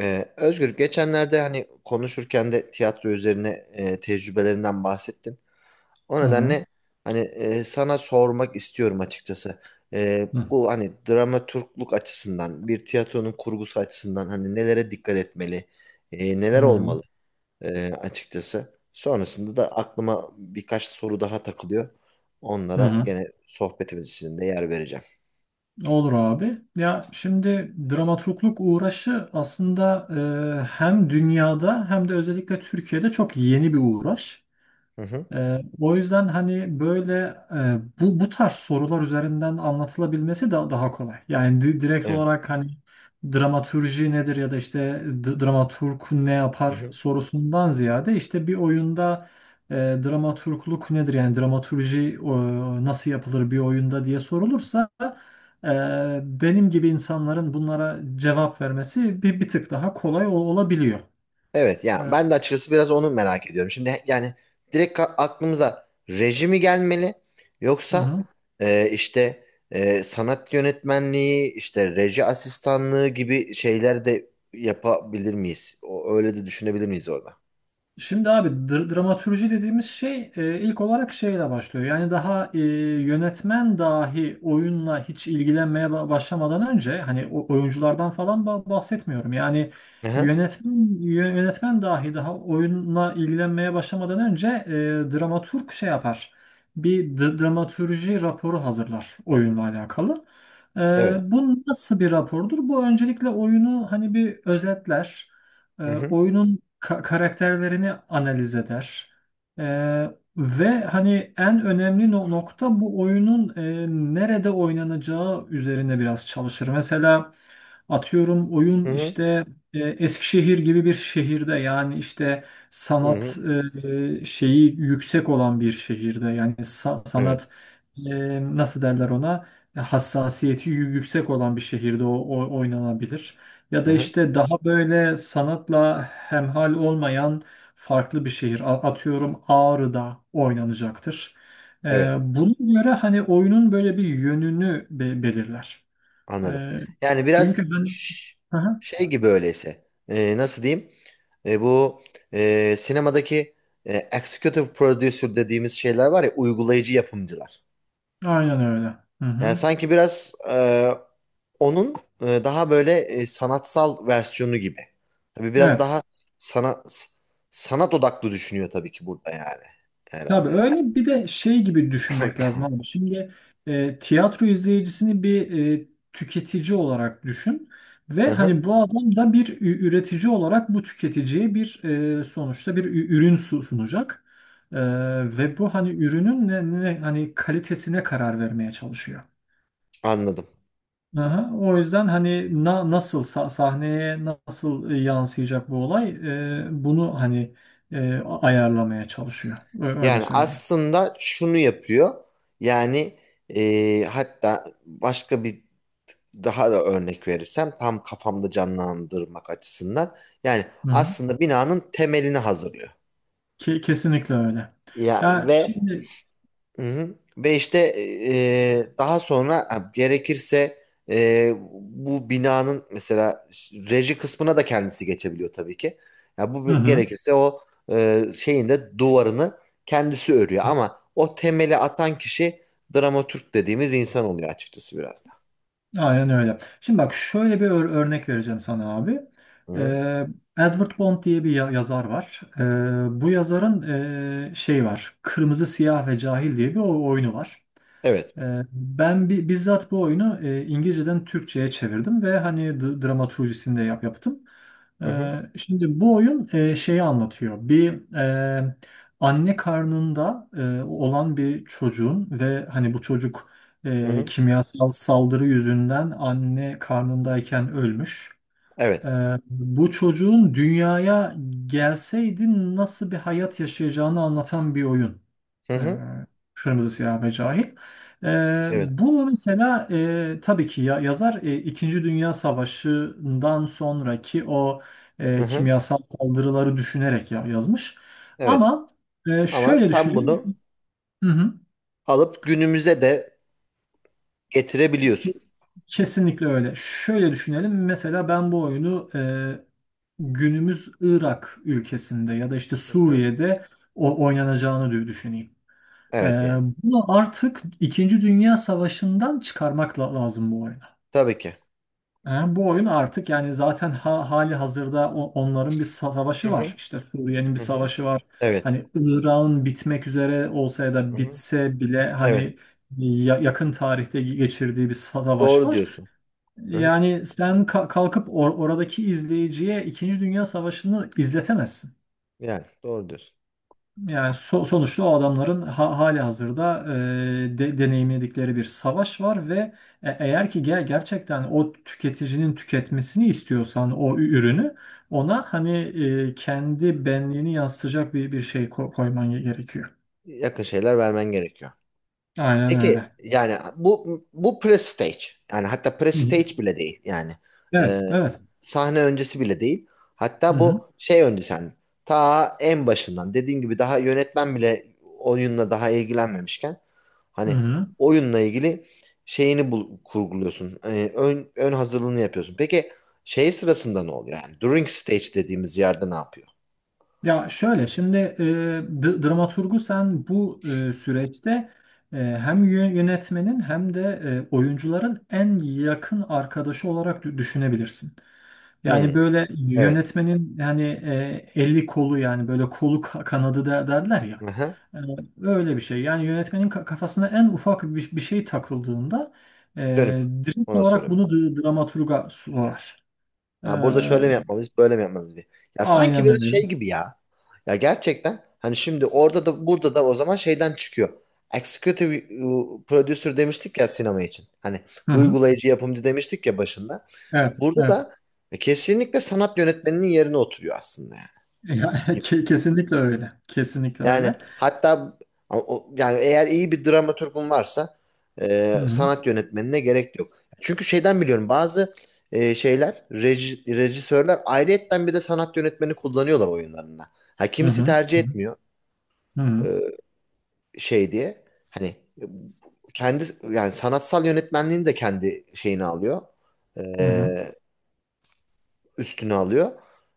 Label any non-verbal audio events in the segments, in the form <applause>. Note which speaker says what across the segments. Speaker 1: Özgür geçenlerde hani konuşurken de tiyatro üzerine tecrübelerinden bahsettin. O
Speaker 2: Hı hı.
Speaker 1: nedenle hani sana sormak istiyorum açıkçası.
Speaker 2: Hı
Speaker 1: Bu hani dramaturgluk açısından, bir tiyatronun kurgusu açısından hani nelere dikkat etmeli, neler
Speaker 2: hı.
Speaker 1: olmalı açıkçası. Sonrasında da aklıma birkaç soru daha takılıyor.
Speaker 2: Hı
Speaker 1: Onlara
Speaker 2: hı.
Speaker 1: gene sohbetimiz içinde yer vereceğim.
Speaker 2: Olur abi. Ya şimdi dramaturgluk uğraşı aslında hem dünyada hem de özellikle Türkiye'de çok yeni bir uğraş.
Speaker 1: Hı hı.
Speaker 2: O yüzden hani böyle bu tarz sorular üzerinden anlatılabilmesi daha kolay. Yani direkt
Speaker 1: Evet.
Speaker 2: olarak hani dramatürji nedir ya da işte dramaturg ne yapar sorusundan ziyade işte bir oyunda dramaturgluk nedir yani dramaturji nasıl yapılır bir oyunda diye sorulursa e, benim gibi insanların bunlara cevap vermesi bir tık daha kolay olabiliyor.
Speaker 1: Evet
Speaker 2: E,
Speaker 1: yani ben de açıkçası biraz onu merak ediyorum. Şimdi yani direkt aklımıza rejimi gelmeli
Speaker 2: hı
Speaker 1: yoksa
Speaker 2: hı.
Speaker 1: işte sanat yönetmenliği, işte reji asistanlığı gibi şeyler de yapabilir miyiz? Öyle de düşünebilir miyiz orada?
Speaker 2: Şimdi abi dramatürji dediğimiz şey ilk olarak şeyle başlıyor. Yani daha yönetmen dahi oyunla hiç ilgilenmeye başlamadan önce hani oyunculardan falan bahsetmiyorum. Yani
Speaker 1: Hı hı.
Speaker 2: yönetmen yönetmen dahi daha oyunla ilgilenmeye başlamadan önce dramaturg şey yapar. Bir dramatürji raporu hazırlar oyunla alakalı. E,
Speaker 1: Evet.
Speaker 2: Bu nasıl bir rapordur? Bu öncelikle oyunu hani bir özetler.
Speaker 1: Hı hı.
Speaker 2: Oyunun karakterlerini analiz eder. E, Ve hani en önemli nokta bu oyunun nerede oynanacağı üzerine biraz çalışır. Mesela atıyorum
Speaker 1: Hı
Speaker 2: oyun
Speaker 1: hı.
Speaker 2: işte Eskişehir gibi bir şehirde yani işte
Speaker 1: Hı
Speaker 2: sanat
Speaker 1: hı.
Speaker 2: şeyi yüksek olan bir şehirde yani
Speaker 1: Evet.
Speaker 2: sanat nasıl derler ona hassasiyeti yüksek olan bir şehirde oynanabilir. Ya
Speaker 1: Hı
Speaker 2: da
Speaker 1: hı.
Speaker 2: işte daha böyle sanatla hemhal olmayan farklı bir şehir. Atıyorum Ağrı'da oynanacaktır.
Speaker 1: Evet.
Speaker 2: Buna göre hani oyunun böyle bir yönünü belirler.
Speaker 1: Anladım.
Speaker 2: Ee,
Speaker 1: Yani biraz
Speaker 2: Çünkü ben...
Speaker 1: ş-
Speaker 2: Hı hı,
Speaker 1: şey gibi öyleyse. Nasıl diyeyim? Bu sinemadaki executive producer dediğimiz şeyler var ya, uygulayıcı yapımcılar.
Speaker 2: aynen öyle. Hı
Speaker 1: Yani
Speaker 2: hı.
Speaker 1: sanki biraz onun daha böyle sanatsal versiyonu gibi. Tabii biraz
Speaker 2: Evet.
Speaker 1: daha sanat sanat odaklı düşünüyor tabii ki burada yani
Speaker 2: Tabii
Speaker 1: herhalde.
Speaker 2: öyle bir de şey gibi düşünmek
Speaker 1: <laughs>
Speaker 2: lazım
Speaker 1: <clears throat>
Speaker 2: abi. Şimdi tiyatro izleyicisini bir tüketici olarak düşün
Speaker 1: Hı
Speaker 2: ve hani
Speaker 1: hı.
Speaker 2: bu adam da bir üretici olarak bu tüketiciye bir sonuçta bir ürün sunacak. E, Ve bu hani ürünün hani kalitesine karar vermeye çalışıyor.
Speaker 1: Anladım.
Speaker 2: Aha, o yüzden hani nasıl sahneye nasıl yansıyacak bu olay bunu hani ayarlamaya çalışıyor. Öyle
Speaker 1: Yani
Speaker 2: söyleyeyim.
Speaker 1: aslında şunu yapıyor. Yani hatta başka bir daha da örnek verirsem tam kafamda canlandırmak açısından. Yani aslında binanın temelini hazırlıyor.
Speaker 2: Kesinlikle öyle.
Speaker 1: Ya
Speaker 2: Ya
Speaker 1: ve
Speaker 2: şimdi,
Speaker 1: Hı hı. Ve işte daha sonra ha, gerekirse bu binanın mesela reji kısmına da kendisi geçebiliyor tabii ki. Ya bu
Speaker 2: hı hı,
Speaker 1: gerekirse o şeyin de duvarını kendisi örüyor ama o temeli atan kişi dramatürk dediğimiz insan oluyor açıkçası biraz da.
Speaker 2: aynen öyle. Şimdi bak şöyle bir örnek vereceğim sana abi.
Speaker 1: Hı hı.
Speaker 2: Ee, Edward Bond diye bir yazar var. Bu yazarın şey var. Kırmızı, Siyah ve Cahil diye bir oyunu var.
Speaker 1: Evet.
Speaker 2: Ben bizzat bu oyunu İngilizceden Türkçe'ye çevirdim ve hani dramaturjisini de yaptım.
Speaker 1: Hı hı.
Speaker 2: Şimdi bu oyun şeyi anlatıyor. Bir anne karnında olan bir çocuğun ve hani bu çocuk
Speaker 1: Hı hı.
Speaker 2: kimyasal saldırı yüzünden anne karnındayken ölmüş.
Speaker 1: Evet.
Speaker 2: Bu çocuğun dünyaya gelseydi nasıl bir hayat yaşayacağını anlatan bir oyun.
Speaker 1: Hı
Speaker 2: Ee,
Speaker 1: hı.
Speaker 2: Kırmızı Siyah ve Cahil.
Speaker 1: Evet.
Speaker 2: Bunu mesela tabii ki ya, yazar İkinci Dünya Savaşı'ndan sonraki o
Speaker 1: Hı hı.
Speaker 2: kimyasal saldırıları düşünerek ya, yazmış.
Speaker 1: Evet.
Speaker 2: Ama
Speaker 1: Ama
Speaker 2: şöyle
Speaker 1: sen
Speaker 2: düşünelim.
Speaker 1: bunu
Speaker 2: Hı hı.
Speaker 1: alıp günümüze de getirebiliyorsun.
Speaker 2: Kesinlikle öyle. Şöyle düşünelim. Mesela ben bu oyunu günümüz Irak ülkesinde ya da işte
Speaker 1: Hı hı.
Speaker 2: Suriye'de o oynanacağını düşüneyim. E,
Speaker 1: Evet yani.
Speaker 2: Bunu artık İkinci Dünya Savaşı'ndan çıkarmak lazım bu oyunu.
Speaker 1: Tabii ki.
Speaker 2: E, Bu oyun artık yani zaten hali hazırda onların bir
Speaker 1: Hı
Speaker 2: savaşı var.
Speaker 1: hı.
Speaker 2: İşte Suriye'nin bir
Speaker 1: Hı hı.
Speaker 2: savaşı var.
Speaker 1: Evet.
Speaker 2: Hani Irak'ın bitmek üzere olsa ya
Speaker 1: Hı
Speaker 2: da
Speaker 1: hı.
Speaker 2: bitse bile
Speaker 1: Evet.
Speaker 2: hani yakın tarihte geçirdiği bir savaş
Speaker 1: Doğru
Speaker 2: var.
Speaker 1: diyorsun. Hı hı.
Speaker 2: Yani sen kalkıp oradaki izleyiciye İkinci Dünya Savaşı'nı izletemezsin.
Speaker 1: Yani doğru diyorsun.
Speaker 2: Yani sonuçta o adamların hali hazırda deneyimledikleri bir savaş var ve eğer ki gerçekten o tüketicinin tüketmesini istiyorsan o ürünü ona hani kendi benliğini yansıtacak bir şey koyman gerekiyor.
Speaker 1: Yakın şeyler vermen gerekiyor.
Speaker 2: Aynen
Speaker 1: Peki
Speaker 2: öyle.
Speaker 1: yani bu pre-stage, yani hatta
Speaker 2: Hı hı.
Speaker 1: pre-stage bile değil yani. Ee,
Speaker 2: Evet, evet.
Speaker 1: Sahne öncesi bile değil,
Speaker 2: Hı
Speaker 1: hatta
Speaker 2: hı.
Speaker 1: bu şey öncesi yani ta en başından dediğin gibi daha yönetmen bile oyunla daha ilgilenmemişken
Speaker 2: Hı
Speaker 1: hani
Speaker 2: hı.
Speaker 1: oyunla ilgili şeyini kurguluyorsun. Ön hazırlığını yapıyorsun, peki şey sırasında ne oluyor, yani during stage dediğimiz yerde ne yapıyor?
Speaker 2: Ya şöyle şimdi dramaturgu sen bu süreçte hem yönetmenin hem de oyuncuların en yakın arkadaşı olarak düşünebilirsin.
Speaker 1: Hmm.
Speaker 2: Yani böyle
Speaker 1: Evet.
Speaker 2: yönetmenin hani eli kolu yani böyle kolu kanadı da derler ya.
Speaker 1: Aha.
Speaker 2: E, Öyle bir şey. Yani yönetmenin kafasına en ufak bir şey takıldığında
Speaker 1: Dönüp
Speaker 2: direkt
Speaker 1: ona
Speaker 2: olarak
Speaker 1: sorayım.
Speaker 2: bunu dramaturga sorar. E,
Speaker 1: Ha, burada şöyle mi yapmalıyız, böyle mi yapmalıyız diye. Ya sanki
Speaker 2: aynen
Speaker 1: biraz
Speaker 2: öyle.
Speaker 1: şey gibi ya. Ya gerçekten hani şimdi orada da burada da o zaman şeyden çıkıyor. Executive producer demiştik ya sinema için. Hani
Speaker 2: Hı hı.
Speaker 1: uygulayıcı yapımcı demiştik ya başında.
Speaker 2: Evet,
Speaker 1: Burada
Speaker 2: evet.
Speaker 1: da kesinlikle sanat yönetmeninin yerine oturuyor aslında yani.
Speaker 2: Ya, <laughs> kesinlikle öyle. Kesinlikle
Speaker 1: Yani
Speaker 2: öyle.
Speaker 1: hatta yani eğer iyi bir dramaturgun varsa
Speaker 2: Hı hı.
Speaker 1: sanat yönetmenine gerek yok. Çünkü şeyden biliyorum, bazı şeyler rejisörler ayrıyetten bir de sanat yönetmeni kullanıyorlar oyunlarında. Ha,
Speaker 2: Hı
Speaker 1: kimisi
Speaker 2: hı.
Speaker 1: tercih etmiyor
Speaker 2: Hı hı.
Speaker 1: e, şey diye. Hani e, kendi yani sanatsal yönetmenliğini de kendi şeyini alıyor.
Speaker 2: Hı hı.
Speaker 1: E, Üstüne alıyor.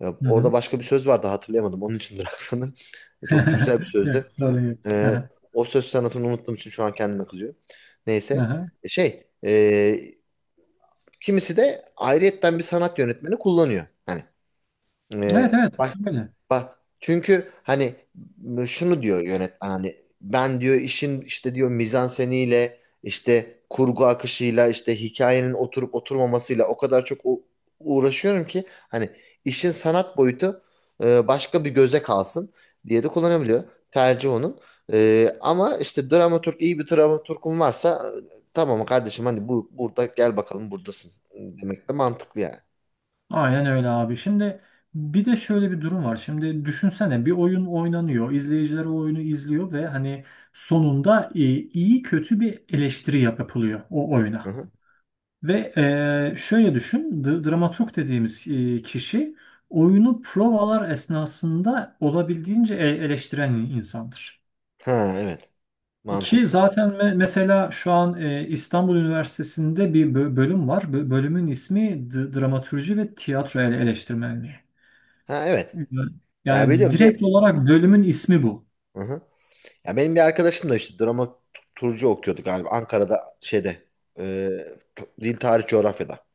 Speaker 2: Hı
Speaker 1: Orada
Speaker 2: hı.
Speaker 1: başka bir söz vardı, hatırlayamadım. Onun için bıraksanım. <laughs> Çok da güzel bir
Speaker 2: <laughs> Yok,
Speaker 1: sözdü.
Speaker 2: sorun yok. Hı
Speaker 1: Ee,
Speaker 2: hı.
Speaker 1: O söz sanatını unuttuğum için şu an kendime kızıyorum.
Speaker 2: Hı
Speaker 1: Neyse.
Speaker 2: hı.
Speaker 1: Şey, kimisi de ayrıyetten bir sanat yönetmeni kullanıyor. Hani
Speaker 2: Evet, evet,
Speaker 1: bak,
Speaker 2: öyle.
Speaker 1: bak çünkü hani şunu diyor yönetmen, hani ben diyor işin işte diyor mizanseniyle, işte kurgu akışıyla, işte hikayenin oturup oturmamasıyla o kadar çok uğraşıyorum ki hani işin sanat boyutu başka bir göze kalsın diye de kullanabiliyor. Tercih onun. Ama işte dramaturg, iyi bir dramaturgun varsa tamam kardeşim hani bu burada gel bakalım buradasın demek de mantıklı yani.
Speaker 2: Aynen öyle abi. Şimdi bir de şöyle bir durum var. Şimdi düşünsene bir oyun oynanıyor. İzleyiciler o oyunu izliyor ve hani sonunda iyi kötü bir eleştiri yapılıyor o
Speaker 1: Hı
Speaker 2: oyuna.
Speaker 1: hı.
Speaker 2: Ve şöyle düşün, dramaturg dediğimiz kişi oyunu provalar esnasında olabildiğince eleştiren insandır.
Speaker 1: Ha, evet,
Speaker 2: Ki
Speaker 1: mantıklı.
Speaker 2: zaten mesela şu an İstanbul Üniversitesi'nde bir bölüm var. Bölümün ismi dramatürji ve tiyatro eleştirmenliği.
Speaker 1: Ha,
Speaker 2: Hı.
Speaker 1: evet. Ya
Speaker 2: Yani
Speaker 1: biliyorum.
Speaker 2: direkt olarak bölümün ismi bu.
Speaker 1: Hı hı. Ya benim bir arkadaşım da işte drama turcu okuyordu galiba. Ankara'da şeyde, e, dil tarih coğrafyada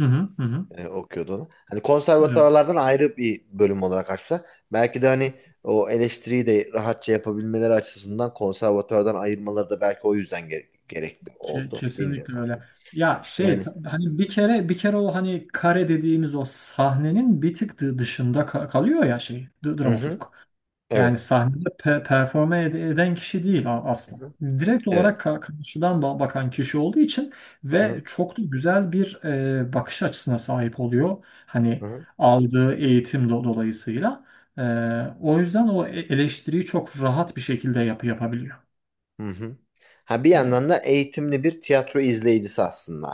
Speaker 2: Hı hı, hı hı.
Speaker 1: okuyordu onu. Hani
Speaker 2: Evet.
Speaker 1: konservatuvarlardan ayrı bir bölüm olarak açtılar. Belki de hani o eleştiriyi de rahatça yapabilmeleri açısından konservatuvardan ayırmaları da belki o yüzden gerekli oldu. Bilmiyorum
Speaker 2: Kesinlikle öyle.
Speaker 1: artık.
Speaker 2: Ya şey
Speaker 1: Yani.
Speaker 2: hani bir kere bir kere o hani kare dediğimiz o sahnenin bir tık dışında kalıyor ya şey
Speaker 1: Hı
Speaker 2: dramaturg.
Speaker 1: hı.
Speaker 2: Yani
Speaker 1: Evet.
Speaker 2: sahnede performe eden kişi değil
Speaker 1: Hı
Speaker 2: aslında.
Speaker 1: hı.
Speaker 2: Direkt
Speaker 1: Evet.
Speaker 2: olarak karşıdan bakan kişi olduğu için
Speaker 1: Hı
Speaker 2: ve
Speaker 1: hı.
Speaker 2: çok da güzel bir bakış açısına sahip oluyor.
Speaker 1: Hı
Speaker 2: Hani
Speaker 1: hı.
Speaker 2: aldığı eğitim dolayısıyla. E, O yüzden o eleştiriyi çok rahat bir şekilde yapabiliyor.
Speaker 1: Hı hı. Ha, bir
Speaker 2: Yani
Speaker 1: yandan da eğitimli bir tiyatro izleyicisi aslında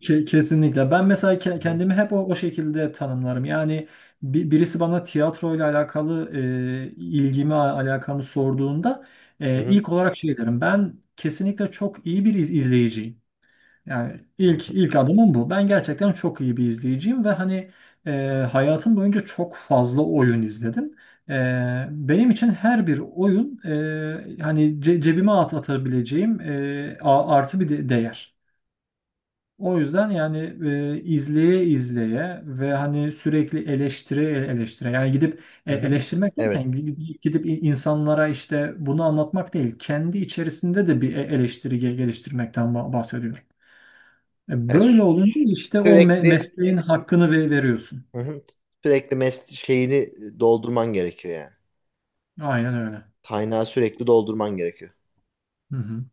Speaker 2: Kesinlikle. Ben mesela
Speaker 1: yani.
Speaker 2: kendimi hep o şekilde tanımlarım. Yani birisi bana tiyatroyla alakalı ilgimi, alakamı sorduğunda
Speaker 1: Hı hı.
Speaker 2: ilk olarak şey derim. Ben kesinlikle çok iyi bir izleyiciyim. Yani
Speaker 1: Hı
Speaker 2: ilk
Speaker 1: hı.
Speaker 2: ilk adımım bu. Ben gerçekten çok iyi bir izleyiciyim ve hani e, hayatım boyunca çok fazla oyun izledim. E, Benim için her bir oyun hani cebime atabileceğim artı bir de değer. O yüzden yani izleye izleye ve hani sürekli eleştire eleştire yani gidip
Speaker 1: Hı hı.
Speaker 2: eleştirmek derken
Speaker 1: Evet.
Speaker 2: gidip insanlara işte bunu anlatmak değil kendi içerisinde de bir eleştiri geliştirmekten bahsediyorum.
Speaker 1: Yani
Speaker 2: Böyle olunca işte o
Speaker 1: sürekli,
Speaker 2: mesleğin hakkını veriyorsun.
Speaker 1: hı hı, sürekli şeyini doldurman gerekiyor yani.
Speaker 2: Aynen öyle.
Speaker 1: Kaynağı sürekli doldurman gerekiyor.
Speaker 2: Hı hı.